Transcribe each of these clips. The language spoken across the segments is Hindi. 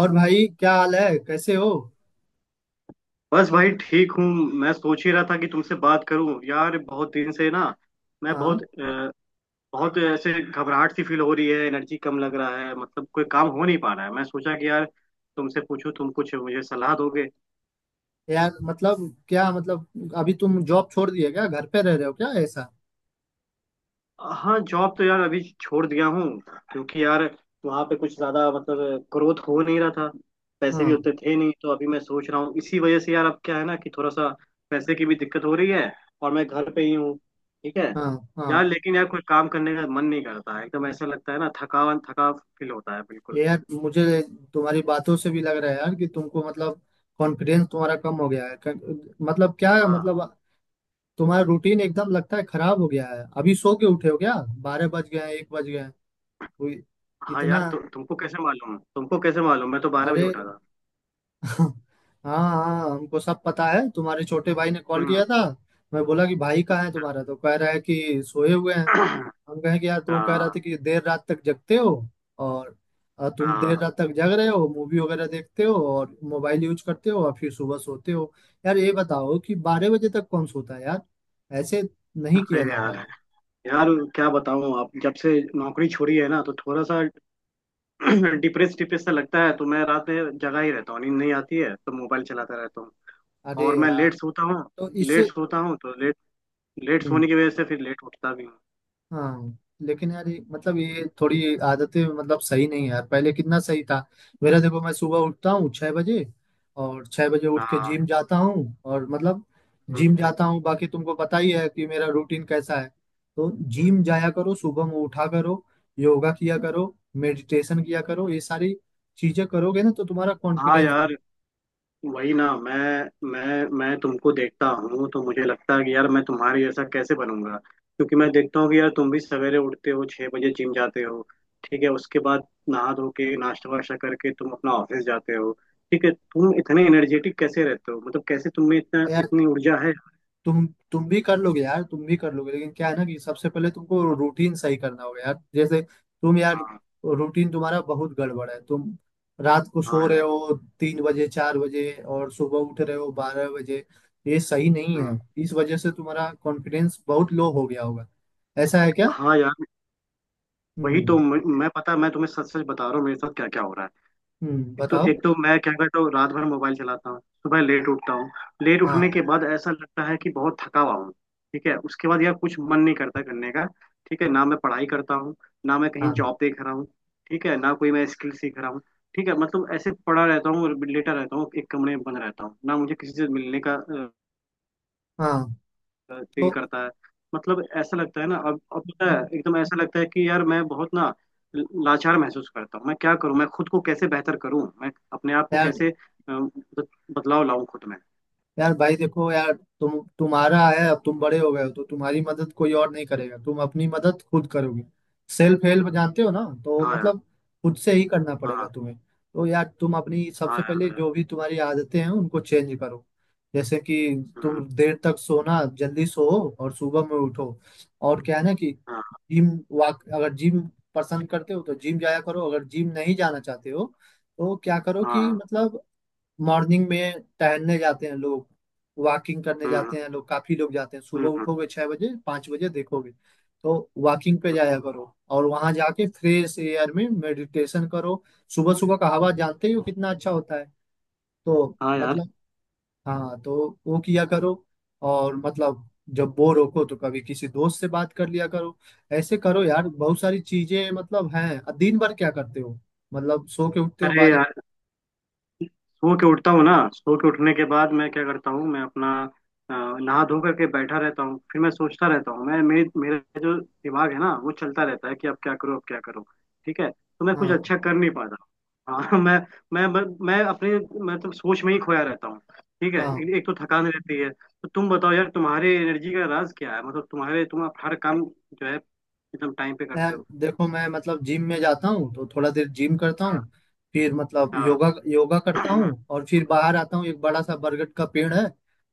और भाई, क्या हाल है? कैसे हो? बस भाई, ठीक हूँ। मैं सोच ही रहा था कि तुमसे बात करूं, यार, बहुत दिन से ना। मैं बहुत हाँ। अ, बहुत ऐसे घबराहट सी फील हो रही है। एनर्जी कम लग रहा है, मतलब कोई काम हो नहीं पा रहा है। मैं सोचा कि यार तुमसे पूछूं, तुम कुछ मुझे सलाह दोगे। यार मतलब, क्या मतलब, अभी तुम जॉब छोड़ दिए क्या? घर पे रह रहे हो क्या ऐसा? हाँ, जॉब तो यार अभी छोड़ दिया हूँ। क्योंकि यार वहाँ पे कुछ ज्यादा मतलब ग्रोथ हो नहीं रहा था। पैसे भी हाँ, उतने थे नहीं, तो अभी मैं सोच रहा हूँ, इसी वजह से यार। अब क्या है ना कि थोड़ा सा पैसे की भी दिक्कत हो रही है। और मैं घर पे ही हूँ, ठीक है। हाँ। हाँ यार, लेकिन यार कोई काम करने का मन नहीं करता है। एकदम ऐसा लगता है ना, थकान, थका फील होता है, बिल्कुल। यार, मुझे तुम्हारी बातों से भी लग रहा है यार कि तुमको मतलब कॉन्फिडेंस तुम्हारा कम हो गया है। मतलब क्या हाँ। मतलब, तुम्हारा रूटीन एकदम लगता है खराब हो गया है। अभी सो के उठे हो क्या? 12 बज गए हैं, 1 बज गए हैं कोई। हाँ यार, इतना? तुमको कैसे मालूम? तुमको कैसे मालूम? मैं तो 12 बजे अरे उठा था। हाँ, हाँ, हमको सब पता है। तुम्हारे छोटे भाई ने कॉल हम्म। किया था। मैं बोला कि भाई कहाँ है अच्छा। तुम्हारा, तो कह रहा है कि सोए हुए हैं। हम कहे कि यार, तो कह रहा हाँ। था कि देर रात तक जगते हो। और तुम देर हाँ। रात तक जग रहे हो, मूवी वगैरह देखते हो और मोबाइल यूज करते हो, और फिर सुबह सोते हो। यार ये बताओ कि 12 बजे तक कौन सोता है यार? ऐसे नहीं अरे किया यार, जाता है। यार क्या बताऊं? आप जब से नौकरी छोड़ी है ना, तो थोड़ा सा डिप्रेस, डिप्रेस सा लगता है। तो मैं रात में जगा ही रहता हूँ, नींद नहीं आती है, तो मोबाइल चलाता रहता हूँ। अरे और मैं यार, लेट सोता हूँ, तो लेट इससे सोता हूँ, तो लेट लेट सोने हम्म। की वजह से फिर लेट उठता भी हूँ। हाँ लेकिन यार, ये मतलब हम्म, ये थोड़ी आदतें मतलब सही नहीं है यार, पहले कितना सही था। मेरा देखो, मैं सुबह उठता हूँ 6 बजे, और 6 बजे उठ के हाँ। जिम जाता हूँ और मतलब हम्म। जिम जाता हूँ। बाकी तुमको पता ही है कि मेरा रूटीन कैसा है। तो जिम जाया करो, सुबह में उठा करो, योगा किया करो, मेडिटेशन किया करो। ये सारी चीजें करोगे ना तो तुम्हारा हाँ कॉन्फिडेंस यार, वही ना। मैं तुमको देखता हूँ तो मुझे लगता है कि यार मैं तुम्हारे जैसा कैसे बनूंगा, क्योंकि मैं देखता हूँ कि यार तुम भी सवेरे उठते हो, 6 बजे जिम जाते हो। ठीक है, उसके बाद नहा धो के नाश्ता वाश्ता करके तुम अपना ऑफिस जाते हो। ठीक है, तुम इतने एनर्जेटिक कैसे रहते हो? मतलब कैसे तुम में इतना बढ़ेगा। इतनी ऊर्जा है? तुम तुम भी कर लोगे यार, तुम भी कर लोगे। लेकिन क्या है ना कि सबसे पहले तुमको हाँ। रूटीन सही करना होगा यार। जैसे तुम यार, हाँ। रूटीन तुम्हारा बहुत गड़बड़ है। तुम रात को हाँ सो रहे यार। हो 3 बजे, 4 बजे, और सुबह उठ रहे हो 12 बजे। ये सही नहीं हम्म, है, इस वजह से तुम्हारा कॉन्फिडेंस बहुत लो हो गया होगा। ऐसा है क्या? हाँ यार, वही हम्म। तो। मैं पता है, मैं तुम्हें सच सच बता रहा हूँ मेरे साथ क्या क्या हो रहा है। हम्म, एक तो बताओ। एक तो मैं क्या करता हूँ, रात भर मोबाइल चलाता हूँ, सुबह लेट उठता हूँ। लेट उठने हाँ, के बाद ऐसा लगता है कि बहुत थका हुआ हूँ। ठीक है, उसके बाद यार कुछ मन नहीं करता करने का। ठीक है ना, मैं पढ़ाई करता हूँ, ना मैं कहीं हाँ, जॉब देख रहा हूँ। ठीक है ना, कोई मैं स्किल सीख रहा हूँ। ठीक है, मतलब ऐसे पड़ा रहता हूँ और लेटा रहता हूँ, एक कमरे में बंद रहता हूँ, ना मुझे किसी से मिलने का हाँ। फील तो करता है। मतलब ऐसा लगता है ना, अब पता है, एकदम ऐसा लगता है कि यार मैं बहुत ना लाचार महसूस करता हूँ। मैं क्या करूँ? मैं खुद को कैसे बेहतर करूँ? मैं अपने आप को यार कैसे बद- बदलाव लाऊं खुद में? यार भाई, देखो यार, तुम, तुम्हारा है, अब तुम बड़े हो गए हो, तो तुम्हारी मदद कोई और नहीं करेगा, तुम अपनी मदद खुद करोगे। सेल्फ हेल्प जानते हो ना, तो हाँ यार। मतलब खुद से ही करना पड़ेगा हाँ। तुम्हें। तो यार, तुम अपनी हाँ सबसे पहले यार। जो भी तुम्हारी आदतें हैं उनको चेंज करो। जैसे कि हम्म, तुम देर तक सोना, जल्दी सो और सुबह में उठो। और क्या है ना कि हाँ। जिम, वाक, अगर जिम पसंद करते हो तो जिम जाया करो, अगर जिम नहीं जाना चाहते हो तो क्या करो कि हाँ। मतलब मॉर्निंग में टहलने जाते हैं लोग, वॉकिंग करने हम्म। जाते हैं लोग, काफी लोग जाते हैं। सुबह हम्म। उठोगे 6 बजे, 5 बजे, देखोगे। तो वॉकिंग पे जाया करो और वहां जाके फ्रेश एयर में मेडिटेशन करो। सुबह सुबह का हवा जानते ही हो कितना अच्छा होता है। तो हाँ यार। मतलब हाँ, तो वो किया करो। और मतलब जब बोर हो तो कभी किसी दोस्त से बात कर लिया करो। ऐसे करो यार, बहुत सारी चीजें मतलब हैं। दिन भर क्या करते हो? मतलब सो के उठते हो अरे बारे। यार, सो के उठता हूँ ना, सो के उठने के बाद मैं क्या करता हूँ, मैं अपना अ, नहा धो करके बैठा रहता हूँ। फिर मैं सोचता रहता हूँ, मैं मेरे मेरा जो दिमाग है ना वो चलता रहता है कि अब क्या करो, अब क्या करो। ठीक है, तो मैं कुछ हाँ, अच्छा कर नहीं पाता। हाँ। मैं अपने, मतलब सोच में ही खोया रहता हूँ। ठीक है, हाँ। एक तो थकान रहती है, तो तुम बताओ यार, तुम्हारे एनर्जी का राज क्या है? मतलब तुम्हारे तुम आप हर काम जो है एकदम टाइम पे यार करते हो। देखो, मैं मतलब जिम में जाता हूँ तो थोड़ा देर जिम करता हाँ। हूँ। फिर मतलब हाँ। योगा योगा करता हूँ और फिर बाहर आता हूँ। एक बड़ा सा बरगद का पेड़ है,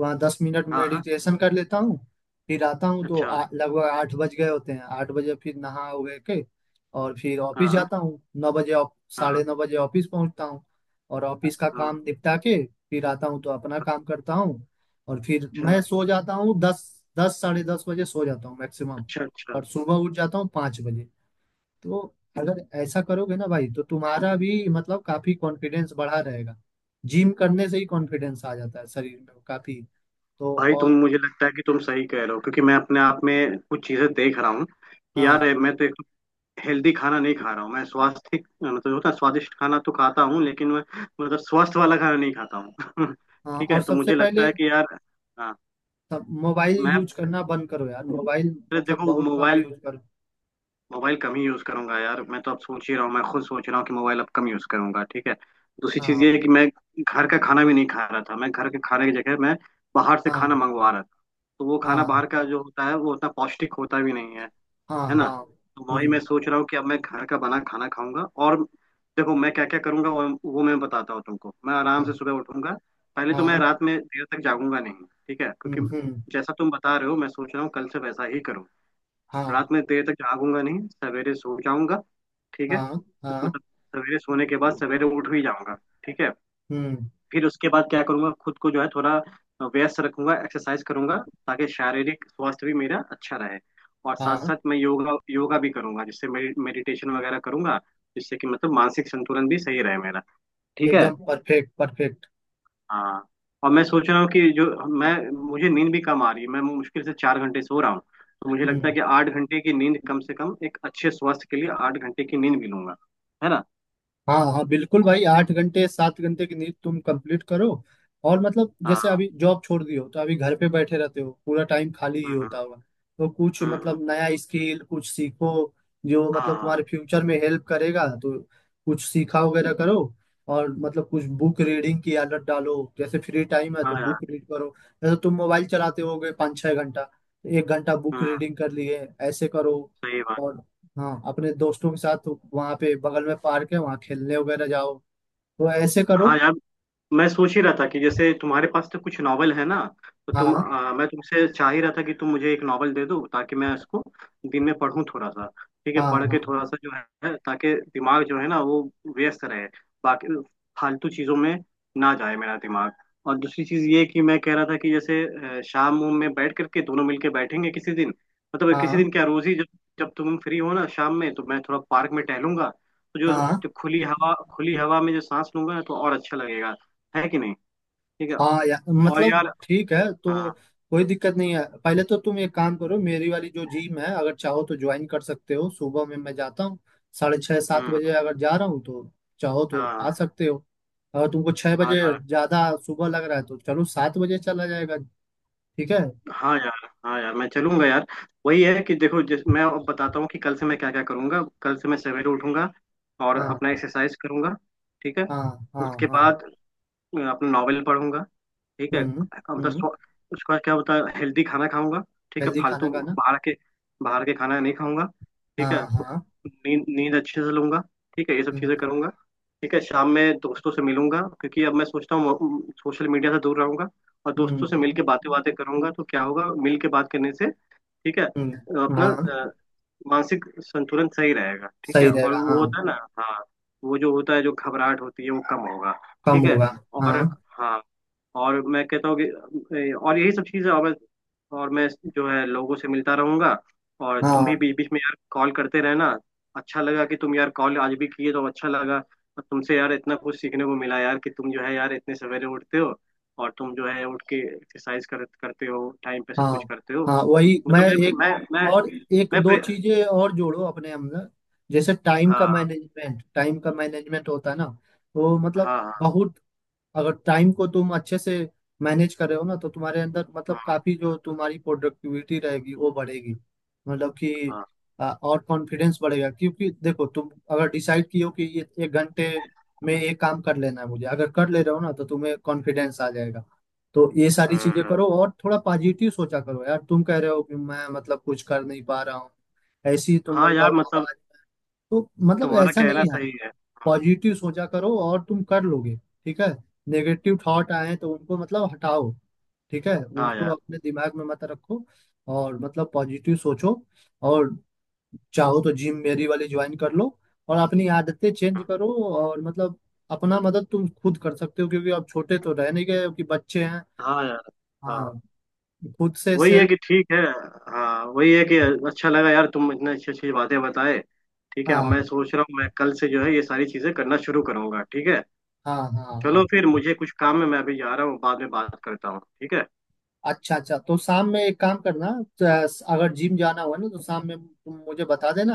वहाँ 10 मिनट हाँ, हाँ, मेडिटेशन कर लेता हूँ। फिर आता हूँ तो अच्छा। लगभग 8 बज गए होते हैं। 8 बजे फिर नहा वहा के, और फिर हाँ। ऑफिस हाँ। जाता हूँ 9 बजे। हाँ, 9:30 बजे ऑफिस पहुँचता हूँ। और ऑफिस का हाँ, काम निपटा के फिर आता हूँ तो अपना काम करता हूँ। और फिर अच्छा। मैं सो जाता हूँ दस, 10:30 बजे सो जाता हूँ मैक्सिमम। अच्छा। अच्छा और सुबह उठ जाता हूँ 5 बजे। तो अगर ऐसा करोगे ना भाई, तो तुम्हारा भी मतलब काफी कॉन्फिडेंस बढ़ा रहेगा। जिम करने से ही कॉन्फिडेंस आ जाता है शरीर में काफी। तो भाई, तुम और मुझे लगता है कि तुम सही कह रहे हो, क्योंकि मैं अपने आप में कुछ चीजें देख रहा हूँ कि यार हाँ, मैं तो एक हेल्दी खाना नहीं खा रहा हूँ। मैं स्वास्थ्य मतलब होता है, स्वादिष्ट खाना तो खाता हूँ लेकिन मैं मतलब स्वस्थ वाला खाना नहीं खाता हूँ। हाँ, ठीक और है, तो सबसे मुझे लगता पहले है कि यार, हाँ, सब मोबाइल मैं यूज करना बंद करो यार। मोबाइल फिर मतलब देखो बहुत कम मोबाइल, यूज करो। मोबाइल कम ही यूज करूंगा यार। मैं तो अब सोच ही रहा हूँ, मैं खुद सोच रहा हूँ कि मोबाइल अब कम यूज करूंगा। ठीक है, दूसरी चीज हाँ, ये है कि मैं घर का खाना भी नहीं खा रहा था, मैं घर के खाने की जगह मैं बाहर से हाँ, खाना मंगवा रहा। तो वो खाना हाँ, बाहर का जो होता है, वो उतना पौष्टिक होता भी नहीं है, हाँ, है ना। हाँ, तो वही मैं हम्म। सोच रहा हूँ कि अब मैं घर का बना खाना खाऊंगा। और देखो मैं क्या क्या करूंगा, वो मैं बताता हूँ तुमको। मैं आराम हाँ, से सुबह उठूंगा, पहले तो मैं हाँ, रात में देर तक जागूंगा नहीं। ठीक है, हम्म, क्योंकि हम्म। जैसा तुम बता रहे हो, मैं सोच रहा हूँ कल से वैसा ही करूँ। हाँ, रात में देर तक जागूंगा नहीं, सवेरे सो जाऊंगा। ठीक है, हाँ, हाँ, मतलब सवेरे सोने के बाद सवेरे उठ भी जाऊंगा। ठीक है, हम्म। फिर उसके बाद क्या करूँगा, खुद को जो है थोड़ा व्यस्त रखूंगा, एक्सरसाइज करूंगा, ताकि शारीरिक स्वास्थ्य भी मेरा अच्छा रहे। और साथ हाँ साथ मैं योगा योगा भी करूंगा, जिससे मेडिटेशन वगैरह करूंगा, जिससे कि मतलब मानसिक संतुलन भी सही रहे मेरा, ठीक है। एकदम परफेक्ट, परफेक्ट। हाँ, और मैं सोच रहा हूँ कि जो, मैं, मुझे नींद भी कम आ रही है, मैं मुश्किल से 4 घंटे सो रहा हूँ। तो मुझे लगता है हम्म। कि 8 घंटे की नींद, कम से कम एक अच्छे स्वास्थ्य के लिए 8 घंटे की नींद भी लूंगा, है ना। हाँ, हाँ बिल्कुल भाई, 8 घंटे, 7 घंटे की नींद तुम कंप्लीट करो। और मतलब जैसे हाँ। अभी जॉब छोड़ दी हो, तो अभी घर पे बैठे रहते हो, पूरा टाइम खाली ही हम्म। होता होगा। तो कुछ हम्म, हम्म, मतलब नया स्किल कुछ सीखो जो मतलब तुम्हारे हाँ। फ्यूचर में हेल्प करेगा। तो कुछ सीखा वगैरह करो। और मतलब कुछ बुक रीडिंग की आदत डालो, जैसे फ्री टाइम है हाँ। तो हाँ यार। बुक रीड करो। जैसे तुम मोबाइल चलाते होगे 5-6 घंटा, तो 1 घंटा बुक हम्म। रीडिंग कर लिए, ऐसे करो। सही बात। और हाँ, अपने दोस्तों के साथ वहां पे बगल में पार्क है, वहां खेलने वगैरह जाओ। तो ऐसे करो। हाँ यार, मैं सोच ही रहा था कि जैसे तुम्हारे पास तो कुछ नावल है ना, तो हाँ, मैं तुमसे चाह ही रहा था कि तुम मुझे एक नावल दे दो, ताकि मैं इसको दिन में पढूं थोड़ा सा। ठीक है, हाँ, पढ़ के हाँ, थोड़ा सा जो है, ताकि दिमाग जो है ना वो व्यस्त रहे, बाकी फालतू चीजों में ना जाए मेरा दिमाग। और दूसरी चीज ये कि मैं कह रहा था कि जैसे शाम वाम में बैठ करके दोनों मिलके बैठेंगे किसी दिन, मतलब किसी दिन हाँ, क्या, रोज ही जब, जब तुम फ्री हो ना शाम में, तो मैं थोड़ा पार्क में टहलूंगा। तो जो हाँ। जो खुली हवा में जो सांस लूंगा ना, तो और अच्छा लगेगा, है कि नहीं। ठीक है, हाँ यार, और मतलब यार, ठीक है, हाँ। तो कोई दिक्कत नहीं है। पहले तो तुम एक काम करो, मेरी वाली जो जिम है अगर चाहो तो ज्वाइन कर सकते हो। सुबह में मैं जाता हूँ 6:30, सात हम्म, बजे अगर जा रहा हूँ तो चाहो तो आ हाँ। सकते हो। अगर तुमको छः हाँ बजे यार। ज्यादा सुबह लग रहा है, तो चलो 7 बजे चला जाएगा। ठीक है। हाँ यार। हाँ यार, मैं चलूंगा यार। वही है कि देखो, जिस मैं अब बताता हूँ कि कल से मैं क्या क्या करूंगा, कल से मैं सवेरे उठूंगा और हाँ, अपना एक्सरसाइज करूंगा। ठीक है, हाँ, हाँ, उसके हाँ, बाद अपना नॉवेल पढ़ूंगा। ठीक है, हम्म, मतलब हम्म। उसके बाद क्या होता है, हेल्दी खाना खाऊंगा। ठीक है, हेल्दी खाना फालतू खाना। बाहर के बाहर के खाना नहीं खाऊंगा। ठीक हाँ, है, तो हाँ, नींद नींद अच्छे से लूंगा। ठीक है, ये सब हम्म, चीजें करूंगा। ठीक है, शाम में दोस्तों से मिलूंगा, क्योंकि अब मैं सोचता हूँ सोशल मीडिया से दूर रहूंगा, और हम्म, दोस्तों से मिल हम्म, के बातें बातें करूंगा, तो क्या होगा मिल के बात करने से। ठीक है, अपना हाँ। मानसिक संतुलन सही रहेगा, ठीक है, सही और रहेगा, वो हाँ। होता है ना। हाँ, वो जो होता है, जो घबराहट होती है, वो कम होगा। कम ठीक है, होगा। और, हाँ, हाँ, और मैं कहता हूँ कि और यही सब चीज़ें, और मैं जो है लोगों से मिलता रहूंगा। और तुम भी हाँ, बीच बीच में यार कॉल करते रहना। अच्छा लगा कि तुम यार कॉल आज भी किए, तो अच्छा लगा। और तुमसे यार इतना कुछ सीखने को मिला यार, कि तुम जो है यार इतने सवेरे उठते हो, और तुम जो है उठ के एक्सरसाइज करते हो, टाइम पे सब हाँ। कुछ करते हो। हाँ वही, मैं, मतलब एक, मैं और मैं एक मैं दो प्रे... चीजें और जोड़ो अपने अंदर। जैसे टाइम का हाँ। मैनेजमेंट, टाइम का मैनेजमेंट होता है ना, वो मतलब हाँ। बहुत, अगर टाइम को तुम अच्छे से मैनेज कर रहे हो ना, तो तुम्हारे अंदर हाँ। मतलब हाँ। काफी जो तुम्हारी प्रोडक्टिविटी रहेगी वो बढ़ेगी। मतलब कि हाँ। और कॉन्फिडेंस बढ़ेगा, क्योंकि देखो तुम अगर डिसाइड किए हो कि ये 1 घंटे में ये काम कर लेना है मुझे, अगर कर ले रहे हो ना तो तुम्हें कॉन्फिडेंस आ जाएगा। तो ये सारी चीजें हम्म, करो और थोड़ा पॉजिटिव सोचा करो यार। तुम कह रहे हो कि मैं मतलब कुछ कर नहीं पा रहा हूँ, ऐसी तुम हाँ यार, मतलब मतलब आवाज, तो मतलब तुम्हारा ऐसा कहना नहीं है। सही है। पॉजिटिव सोचा करो और तुम कर लोगे, ठीक है? नेगेटिव थॉट आए तो उनको मतलब हटाओ, ठीक है? हाँ उनको यार। अपने दिमाग में मत रखो और मतलब पॉजिटिव सोचो। और चाहो तो जिम मेरी वाली ज्वाइन कर लो, और अपनी आदतें चेंज करो। और मतलब अपना मदद तुम खुद कर सकते हो, क्योंकि अब छोटे तो रह नहीं गए हो कि बच्चे हैं। हाँ। हाँ यार। हाँ, हाँ, खुद से वही है सेल्फ। कि ठीक है। हाँ, वही है कि अच्छा लगा यार, तुम इतने अच्छी अच्छी बातें बताए। ठीक है, अब हाँ, मैं सोच रहा हूँ मैं कल से जो है ये सारी चीजें करना शुरू करूंगा, ठीक है। हाँ, हाँ, हाँ। चलो फिर मुझे कुछ काम है, मैं अभी जा रहा हूँ, बाद में बात करता हूँ, ठीक है। अच्छा, अच्छा, तो शाम में एक काम करना। तो अगर जिम जाना हुआ ना, तो शाम में तुम मुझे बता देना,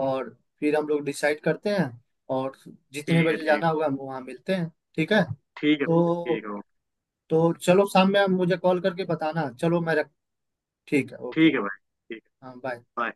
और फिर हम लोग डिसाइड करते हैं। और जितने ठीक है। बजे ठीक जाना है। होगा, हम वहाँ मिलते हैं, ठीक है? ठीक है। तो ठीक है। तो चलो, शाम में आप मुझे कॉल करके बताना। चलो मैं रख, ठीक है, ओके। ठीक है भाई। ठीक है। हाँ, बाय। बाय।